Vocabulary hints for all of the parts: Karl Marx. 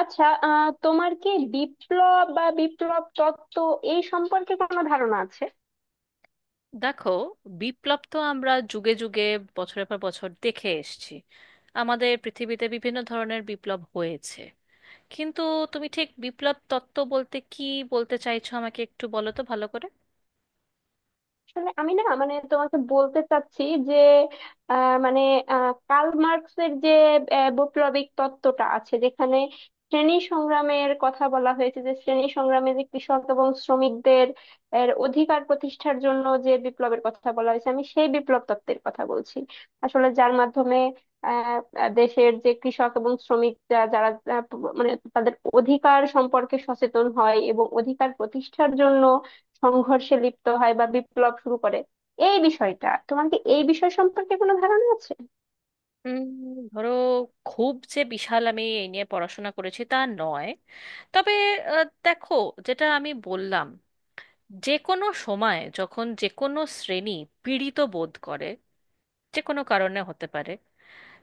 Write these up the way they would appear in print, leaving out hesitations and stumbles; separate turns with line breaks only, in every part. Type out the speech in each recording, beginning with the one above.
আচ্ছা, তোমার কি বিপ্লব বা বিপ্লব তত্ত্ব এই সম্পর্কে কোনো ধারণা আছে?
দেখো, বিপ্লব তো আমরা যুগে যুগে বছরের পর বছর দেখে এসেছি। আমাদের পৃথিবীতে বিভিন্ন ধরনের বিপ্লব হয়েছে, কিন্তু তুমি ঠিক বিপ্লব তত্ত্ব বলতে কি বলতে চাইছো আমাকে একটু বলো তো ভালো করে।
আসলে আমি না, মানে তোমাকে বলতে চাচ্ছি যে মানে কার্ল মার্কসের যে বৈপ্লবিক তত্ত্বটা আছে, যেখানে শ্রেণী সংগ্রামের কথা বলা হয়েছে, যে শ্রেণী সংগ্রামে যে কৃষক এবং শ্রমিকদের এর অধিকার প্রতিষ্ঠার জন্য যে বিপ্লবের কথা বলা হয়েছে, আমি সেই বিপ্লব তত্ত্বের কথা বলছি। আসলে যার মাধ্যমে আহ আহ, দেশের যে কৃষক এবং শ্রমিক যারা আহ, মানে তাদের অধিকার সম্পর্কে সচেতন হয় এবং অধিকার প্রতিষ্ঠার জন্য সংঘর্ষে লিপ্ত হয় বা বিপ্লব শুরু করে। এই বিষয়টা, তোমার কি এই বিষয় সম্পর্কে কোনো ধারণা আছে?
উম, ধরো, খুব যে বিশাল আমি এই নিয়ে পড়াশোনা করেছি তা নয়, তবে দেখো, যেটা আমি বললাম, যে কোনো সময় যখন যে কোনো শ্রেণী পীড়িত বোধ করে, যে কোনো কারণে হতে পারে,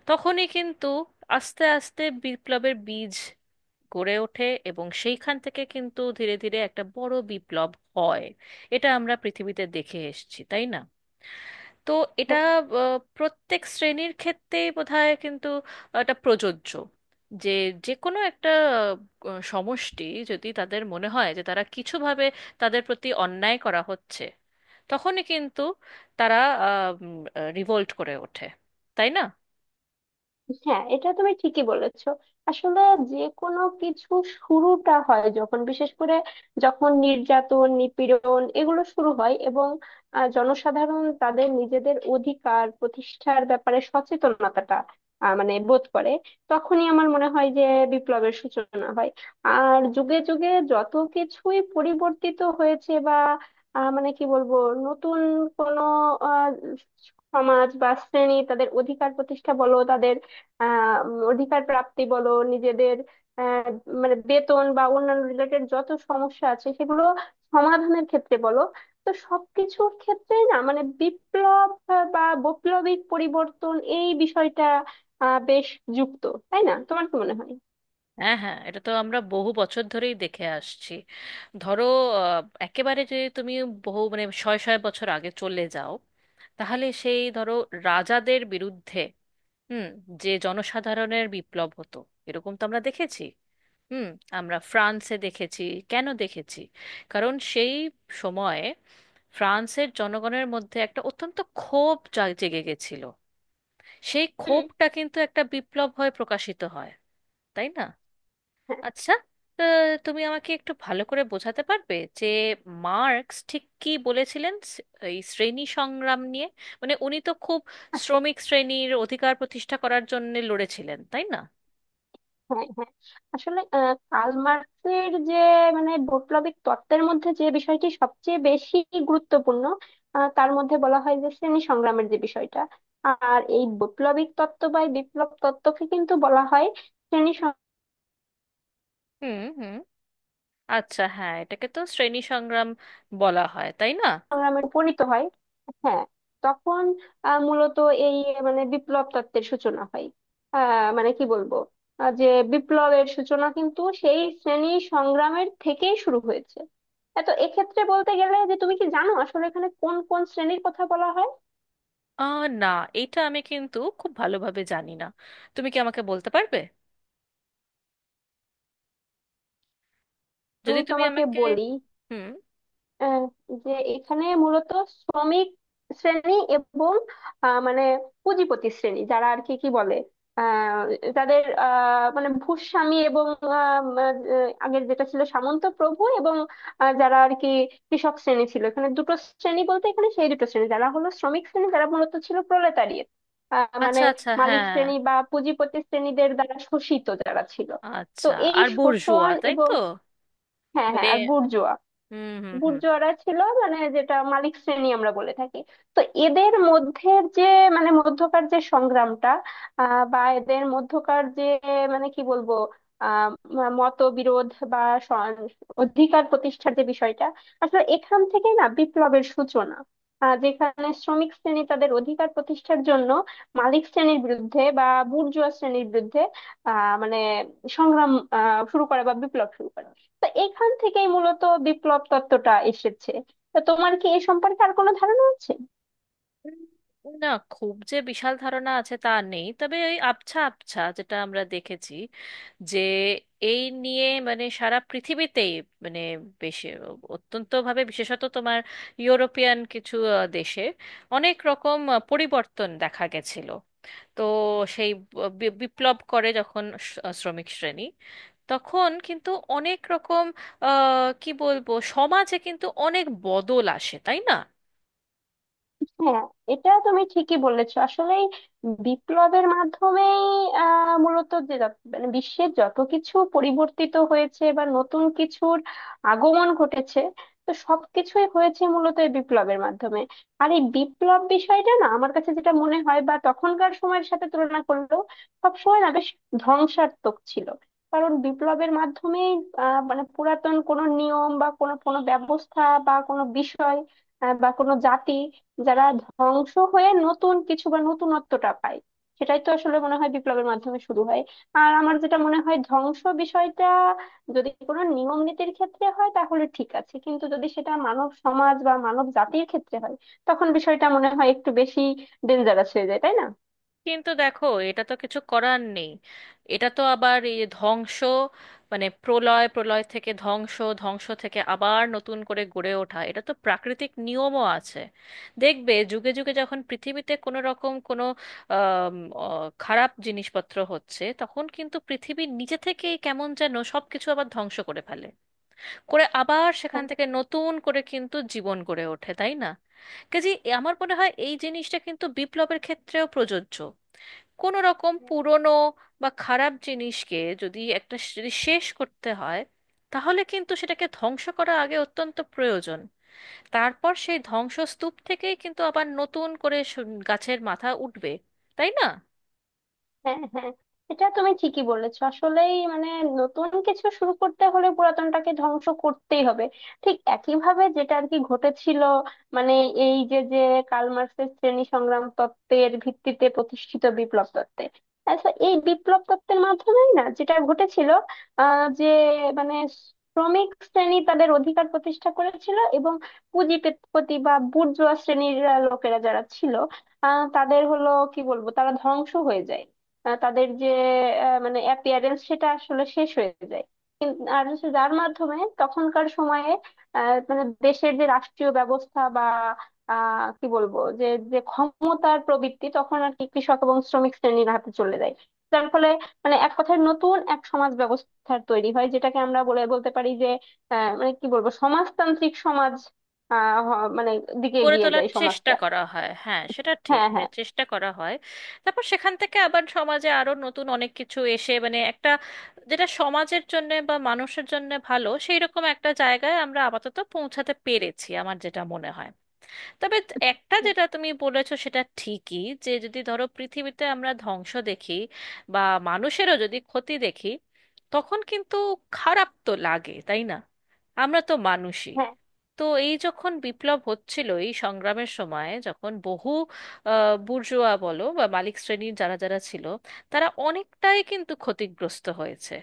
তখনই কিন্তু আস্তে আস্তে বিপ্লবের বীজ গড়ে ওঠে, এবং সেইখান থেকে কিন্তু ধীরে ধীরে একটা বড় বিপ্লব হয়। এটা আমরা পৃথিবীতে দেখে এসেছি, তাই না? তো এটা প্রত্যেক শ্রেণীর ক্ষেত্রেই বোধহয় কিন্তু এটা প্রযোজ্য, যে যে কোনো একটা সমষ্টি যদি তাদের মনে হয় যে তারা কিছুভাবে তাদের প্রতি অন্যায় করা হচ্ছে, তখনই কিন্তু তারা রিভোল্ট করে ওঠে, তাই না?
হ্যাঁ, এটা তুমি ঠিকই বলেছো। আসলে যে কোনো কিছু শুরুটা হয় যখন, বিশেষ করে যখন নির্যাতন নিপীড়ন এগুলো শুরু হয় এবং জনসাধারণ তাদের নিজেদের অধিকার প্রতিষ্ঠার ব্যাপারে সচেতনতাটা মানে বোধ করে, তখনই আমার মনে হয় যে বিপ্লবের সূচনা হয়। আর যুগে যুগে যত কিছুই পরিবর্তিত হয়েছে বা মানে কি বলবো, নতুন কোনো আহ, সমাজ বা শ্রেণী তাদের অধিকার প্রতিষ্ঠা বলো, তাদের অধিকার প্রাপ্তি বলো, নিজেদের আহ, মানে বেতন বা অন্যান্য রিলেটেড যত সমস্যা আছে সেগুলো সমাধানের ক্ষেত্রে বলো, তো সবকিছুর ক্ষেত্রেই না মানে বিপ্লব বা বৈপ্লবিক পরিবর্তন এই বিষয়টা বেশ যুক্ত। তাই না? তোমার কি মনে হয়?
হ্যাঁ, হ্যাঁ, এটা তো আমরা বহু বছর ধরেই দেখে আসছি। ধরো, আহ, একেবারে যে তুমি বহু মানে শয়ে শয়ে বছর আগে চলে যাও, তাহলে সেই ধরো রাজাদের বিরুদ্ধে। হুম। যে জনসাধারণের বিপ্লব হতো, এরকম তো আমরা দেখেছি। হুম। আমরা ফ্রান্সে দেখেছি। কেন দেখেছি? কারণ সেই সময়ে ফ্রান্সের জনগণের মধ্যে একটা অত্যন্ত ক্ষোভ জেগে গেছিল। সেই
হুম,
ক্ষোভটা কিন্তু একটা বিপ্লব হয়ে প্রকাশিত হয়, তাই না?
হ্যাঁ,
আচ্ছা, তুমি আমাকে একটু ভালো করে বোঝাতে পারবে যে মার্কস ঠিক কি বলেছিলেন এই শ্রেণী সংগ্রাম নিয়ে? মানে উনি তো খুব শ্রমিক শ্রেণীর অধিকার প্রতিষ্ঠা করার জন্য লড়েছিলেন, তাই না?
হ্যাঁ, হ্যাঁ। আসলে কার্ল মার্কসের যে মানে বৈপ্লবিক তত্ত্বের মধ্যে যে বিষয়টি সবচেয়ে বেশি গুরুত্বপূর্ণ, তার মধ্যে বলা হয় যে শ্রেণী সংগ্রামের যে বিষয়টা। আর এই বৈপ্লবিক তত্ত্ব বা এই বিপ্লব তত্ত্বকে কিন্তু বলা হয় শ্রেণী
হুম, হুম। আচ্ছা, হ্যাঁ, এটাকে তো শ্রেণী সংগ্রাম বলা হয়, তাই না?
সংগ্রামে উপনীত হয়। হ্যাঁ, তখন মূলত এই মানে বিপ্লব তত্ত্বের সূচনা হয়। মানে কি বলবো, যে বিপ্লবের সূচনা কিন্তু সেই শ্রেণী সংগ্রামের থেকেই শুরু হয়েছে। এ তো এক্ষেত্রে বলতে গেলে, যে তুমি কি জানো আসলে এখানে কোন কোন শ্রেণীর কথা বলা হয়?
আহ, না, এটা আমি কিন্তু খুব ভালোভাবে জানি না। তুমি কি আমাকে বলতে পারবে
আমি
যদি তুমি
তোমাকে
আমাকে।
বলি,
হুম।
আহ, যে এখানে মূলত শ্রমিক শ্রেণী এবং মানে পুঁজিপতি শ্রেণী, যারা আর কি কি বলে, আহ, যাদের মানে ভূস্বামী এবং আহ, উম, আহ, আগের যেটা ছিল সামন্ত প্রভু এবং যারা আর কি কৃষক শ্রেণী ছিল। এখানে দুটো শ্রেণী বলতে এখানে সেই দুটো শ্রেণী, যারা হলো শ্রমিক শ্রেণী, যারা মূলত ছিল প্রোলেতারিয়েট, মানে
আচ্ছা, আচ্ছা,
মালিক
হ্যাঁ।
শ্রেণী বা পুঁজিপতি শ্রেণীদের দ্বারা শোষিত যারা ছিল। তো
আচ্ছা,
এই
আর বোর্জোয়া,
শোষণ
তাই
এবং
তো?
হ্যাঁ,
মানে
হ্যাঁ, আর বুর্জোয়া
হুম, হুম, হুম।
গুর্জররা ছিল, মানে যেটা মালিক শ্রেণী আমরা বলে থাকি। তো এদের মধ্যে যে মানে মধ্যকার যে সংগ্রামটা, বা এদের মধ্যকার যে মানে কি বলবো, আহ মতবিরোধ বা স- অধিকার প্রতিষ্ঠার যে বিষয়টা, আসলে এখান থেকে না বিপ্লবের সূচনা, যেখানে শ্রমিক শ্রেণী তাদের অধিকার প্রতিষ্ঠার জন্য মালিক শ্রেণীর বিরুদ্ধে বা বুর্জোয়া শ্রেণীর বিরুদ্ধে মানে সংগ্রাম শুরু করে বা বিপ্লব শুরু করে। তো এখান থেকেই মূলত বিপ্লব তত্ত্বটা এসেছে। তো তোমার কি এ সম্পর্কে আর কোনো ধারণা আছে?
না, খুব যে বিশাল ধারণা আছে তা নেই, তবে ওই আবছা আবছা যেটা আমরা দেখেছি, যে এই নিয়ে মানে সারা পৃথিবীতেই, মানে বেশ অত্যন্তভাবে বিশেষত তোমার ইউরোপিয়ান কিছু দেশে অনেক রকম পরিবর্তন দেখা গেছিল। তো সেই বিপ্লব করে যখন শ্রমিক শ্রেণী, তখন কিন্তু অনেক রকম কি বলবো, সমাজে কিন্তু অনেক বদল আসে, তাই না?
হ্যাঁ, এটা তুমি ঠিকই বলেছো আসলেই। বিপ্লবের মাধ্যমেই মূলত যে মানে বিশ্বের যত কিছু পরিবর্তিত হয়েছে বা নতুন কিছুর আগমন ঘটেছে, তো সবকিছুই হয়েছে মূলত এই বিপ্লবের মাধ্যমে। আর এই বিপ্লব বিষয়টা না, আমার কাছে যেটা মনে হয় বা তখনকার সময়ের সাথে তুলনা করলেও সবসময় না বেশ ধ্বংসাত্মক ছিল, কারণ বিপ্লবের মাধ্যমেই মানে পুরাতন কোনো নিয়ম বা কোনো কোনো ব্যবস্থা বা কোনো বিষয় বা কোনো জাতি যারা ধ্বংস হয়ে নতুন কিছু বা নতুনত্বটা পায়, সেটাই তো আসলে মনে হয় বিপ্লবের মাধ্যমে শুরু হয়। আর আমার যেটা মনে হয়, ধ্বংস বিষয়টা যদি কোনো নিয়ম নীতির ক্ষেত্রে হয় তাহলে ঠিক আছে, কিন্তু যদি সেটা মানব সমাজ বা মানব জাতির ক্ষেত্রে হয়, তখন বিষয়টা মনে হয় একটু বেশি ডেঞ্জারাস হয়ে যায়। তাই না?
কিন্তু দেখো, এটা তো কিছু করার নেই। এটা তো আবার এই ধ্বংস, মানে প্রলয়, প্রলয় থেকে ধ্বংস, ধ্বংস থেকে আবার নতুন করে গড়ে ওঠা, এটা তো প্রাকৃতিক নিয়মও আছে। দেখবে যুগে যুগে যখন পৃথিবীতে কোনো রকম কোনো আম, অ, খারাপ জিনিসপত্র হচ্ছে, তখন কিন্তু পৃথিবী নিজে থেকেই কেমন যেন সব কিছু আবার ধ্বংস করে ফেলে, করে আবার সেখান থেকে নতুন করে কিন্তু জীবন গড়ে ওঠে, তাই না? কাজে আমার মনে হয় এই জিনিসটা কিন্তু বিপ্লবের ক্ষেত্রেও প্রযোজ্য। কোনো রকম পুরনো বা খারাপ জিনিসকে যদি একটা যদি শেষ করতে হয়, তাহলে কিন্তু সেটাকে ধ্বংস করা আগে অত্যন্ত প্রয়োজন। তারপর সেই ধ্বংসস্তূপ থেকেই কিন্তু আবার নতুন করে গাছের মাথা উঠবে, তাই না?
হ্যাঁ, হ্যাঁ, এটা তুমি ঠিকই বলেছো আসলেই। মানে নতুন কিছু শুরু করতে হলে পুরাতনটাকে ধ্বংস করতেই হবে। ঠিক একইভাবে যেটা আর কি ঘটেছিল, মানে এই যে যে কার্ল মার্ক্সের শ্রেণী সংগ্রাম তত্ত্বের ভিত্তিতে প্রতিষ্ঠিত বিপ্লব তত্ত্বে। আচ্ছা, এই বিপ্লব তত্ত্বের মাধ্যমেই না যেটা ঘটেছিল, যে মানে শ্রমিক শ্রেণী তাদের অধিকার প্রতিষ্ঠা করেছিল এবং পুঁজিপতি বা বুর্জোয়া শ্রেণীর লোকেরা যারা ছিল, তাদের হলো কি বলবো, তারা ধ্বংস হয়ে যায়। তাদের যে মানে অ্যাপিয়ারেন্স সেটা আসলে শেষ হয়ে যায়। আর হচ্ছে যার মাধ্যমে তখনকার সময়ে মানে দেশের যে রাষ্ট্রীয় ব্যবস্থা বা কি বলবো যে যে ক্ষমতার প্রবৃত্তি তখন আর কি কৃষক এবং শ্রমিক শ্রেণীর হাতে চলে যায়, যার ফলে মানে এক কথায় নতুন এক সমাজ ব্যবস্থার তৈরি হয়, যেটাকে আমরা বলে বলতে পারি যে মানে কি বলবো সমাজতান্ত্রিক সমাজ মানে দিকে
গড়ে
এগিয়ে
তোলার
যায়
চেষ্টা
সমাজটা।
করা হয়, হ্যাঁ, সেটা ঠিক,
হ্যাঁ,
মানে
হ্যাঁ।
চেষ্টা করা হয়। তারপর সেখান থেকে আবার সমাজে আরো নতুন অনেক কিছু এসে মানে একটা, যেটা সমাজের জন্য বা মানুষের জন্য ভালো, সেই রকম একটা জায়গায় আমরা আপাতত পৌঁছাতে পেরেছি, আমার যেটা মনে হয়। তবে একটা যেটা তুমি বলেছো সেটা ঠিকই, যে যদি ধরো পৃথিবীতে আমরা ধ্বংস দেখি বা মানুষেরও যদি ক্ষতি দেখি, তখন কিন্তু খারাপ তো লাগে, তাই না? আমরা তো মানুষই।
হ্যাঁ,
তো এই যখন বিপ্লব হচ্ছিল, এই সংগ্রামের সময় যখন বহু বুর্জোয়া বলো বা মালিক শ্রেণীর যারা যারা ছিল, তারা অনেকটাই কিন্তু ক্ষতিগ্রস্ত হয়েছে।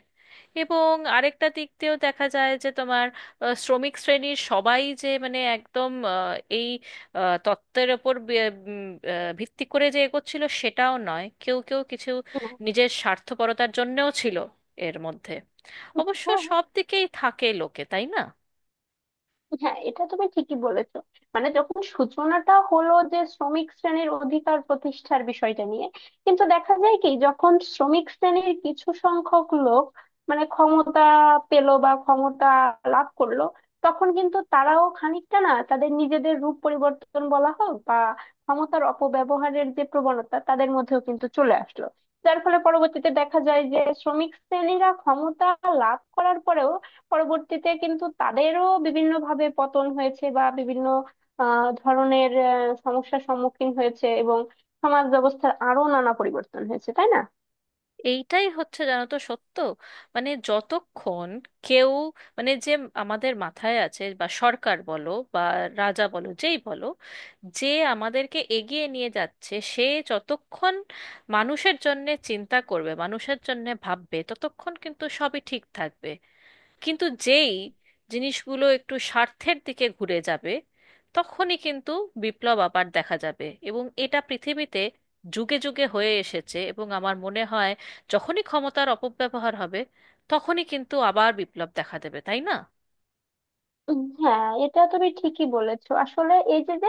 এবং আরেকটা দিক দিয়েও দেখা যায় যে তোমার শ্রমিক শ্রেণীর সবাই যে মানে একদম এই তত্ত্বের ওপর ভিত্তি করে যে এগোচ্ছিল সেটাও নয়, কেউ কেউ কিছু নিজের স্বার্থপরতার জন্যেও ছিল এর মধ্যে। অবশ্য
হ্যাঁ,
সব দিকেই থাকে লোকে, তাই না?
হ্যাঁ, এটা তুমি ঠিকই বলেছো। মানে যখন সূচনাটা হলো যে শ্রমিক শ্রেণীর অধিকার প্রতিষ্ঠার বিষয়টা নিয়ে, কিন্তু দেখা যায় কি, যখন শ্রমিক শ্রেণীর কিছু সংখ্যক লোক মানে ক্ষমতা পেল বা ক্ষমতা লাভ করলো, তখন কিন্তু তারাও খানিকটা না, তাদের নিজেদের রূপ পরিবর্তন বলা হোক বা ক্ষমতার অপব্যবহারের যে প্রবণতা তাদের মধ্যেও কিন্তু চলে আসলো। যার ফলে পরবর্তীতে দেখা যায় যে শ্রমিক শ্রেণীরা ক্ষমতা লাভ করার পরেও পরবর্তীতে কিন্তু তাদেরও বিভিন্ন ভাবে পতন হয়েছে বা বিভিন্ন ধরনের সমস্যার সম্মুখীন হয়েছে এবং সমাজ ব্যবস্থার আরো নানা পরিবর্তন হয়েছে। তাই না?
এইটাই হচ্ছে জানো তো সত্য। মানে যতক্ষণ কেউ, মানে যে আমাদের মাথায় আছে, বা সরকার বলো বা রাজা বলো যেই বলো, যে আমাদেরকে এগিয়ে নিয়ে যাচ্ছে, সে যতক্ষণ মানুষের জন্যে চিন্তা করবে, মানুষের জন্যে ভাববে, ততক্ষণ কিন্তু সবই ঠিক থাকবে। কিন্তু যেই জিনিসগুলো একটু স্বার্থের দিকে ঘুরে যাবে, তখনই কিন্তু বিপ্লব আবার দেখা যাবে। এবং এটা পৃথিবীতে যুগে যুগে হয়ে এসেছে, এবং আমার মনে হয় যখনই ক্ষমতার অপব্যবহার হবে, তখনই কিন্তু আবার বিপ্লব দেখা দেবে, তাই না?
হ্যাঁ, এটা তুমি ঠিকই বলেছো। আসলে এই যে যে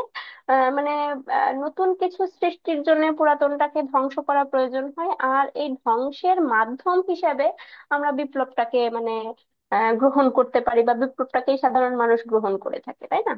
মানে নতুন কিছু সৃষ্টির জন্য পুরাতনটাকে ধ্বংস করা প্রয়োজন হয়, আর এই ধ্বংসের মাধ্যম হিসাবে আমরা বিপ্লবটাকে মানে গ্রহণ করতে পারি বা বিপ্লবটাকেই সাধারণ মানুষ গ্রহণ করে থাকে। তাই না?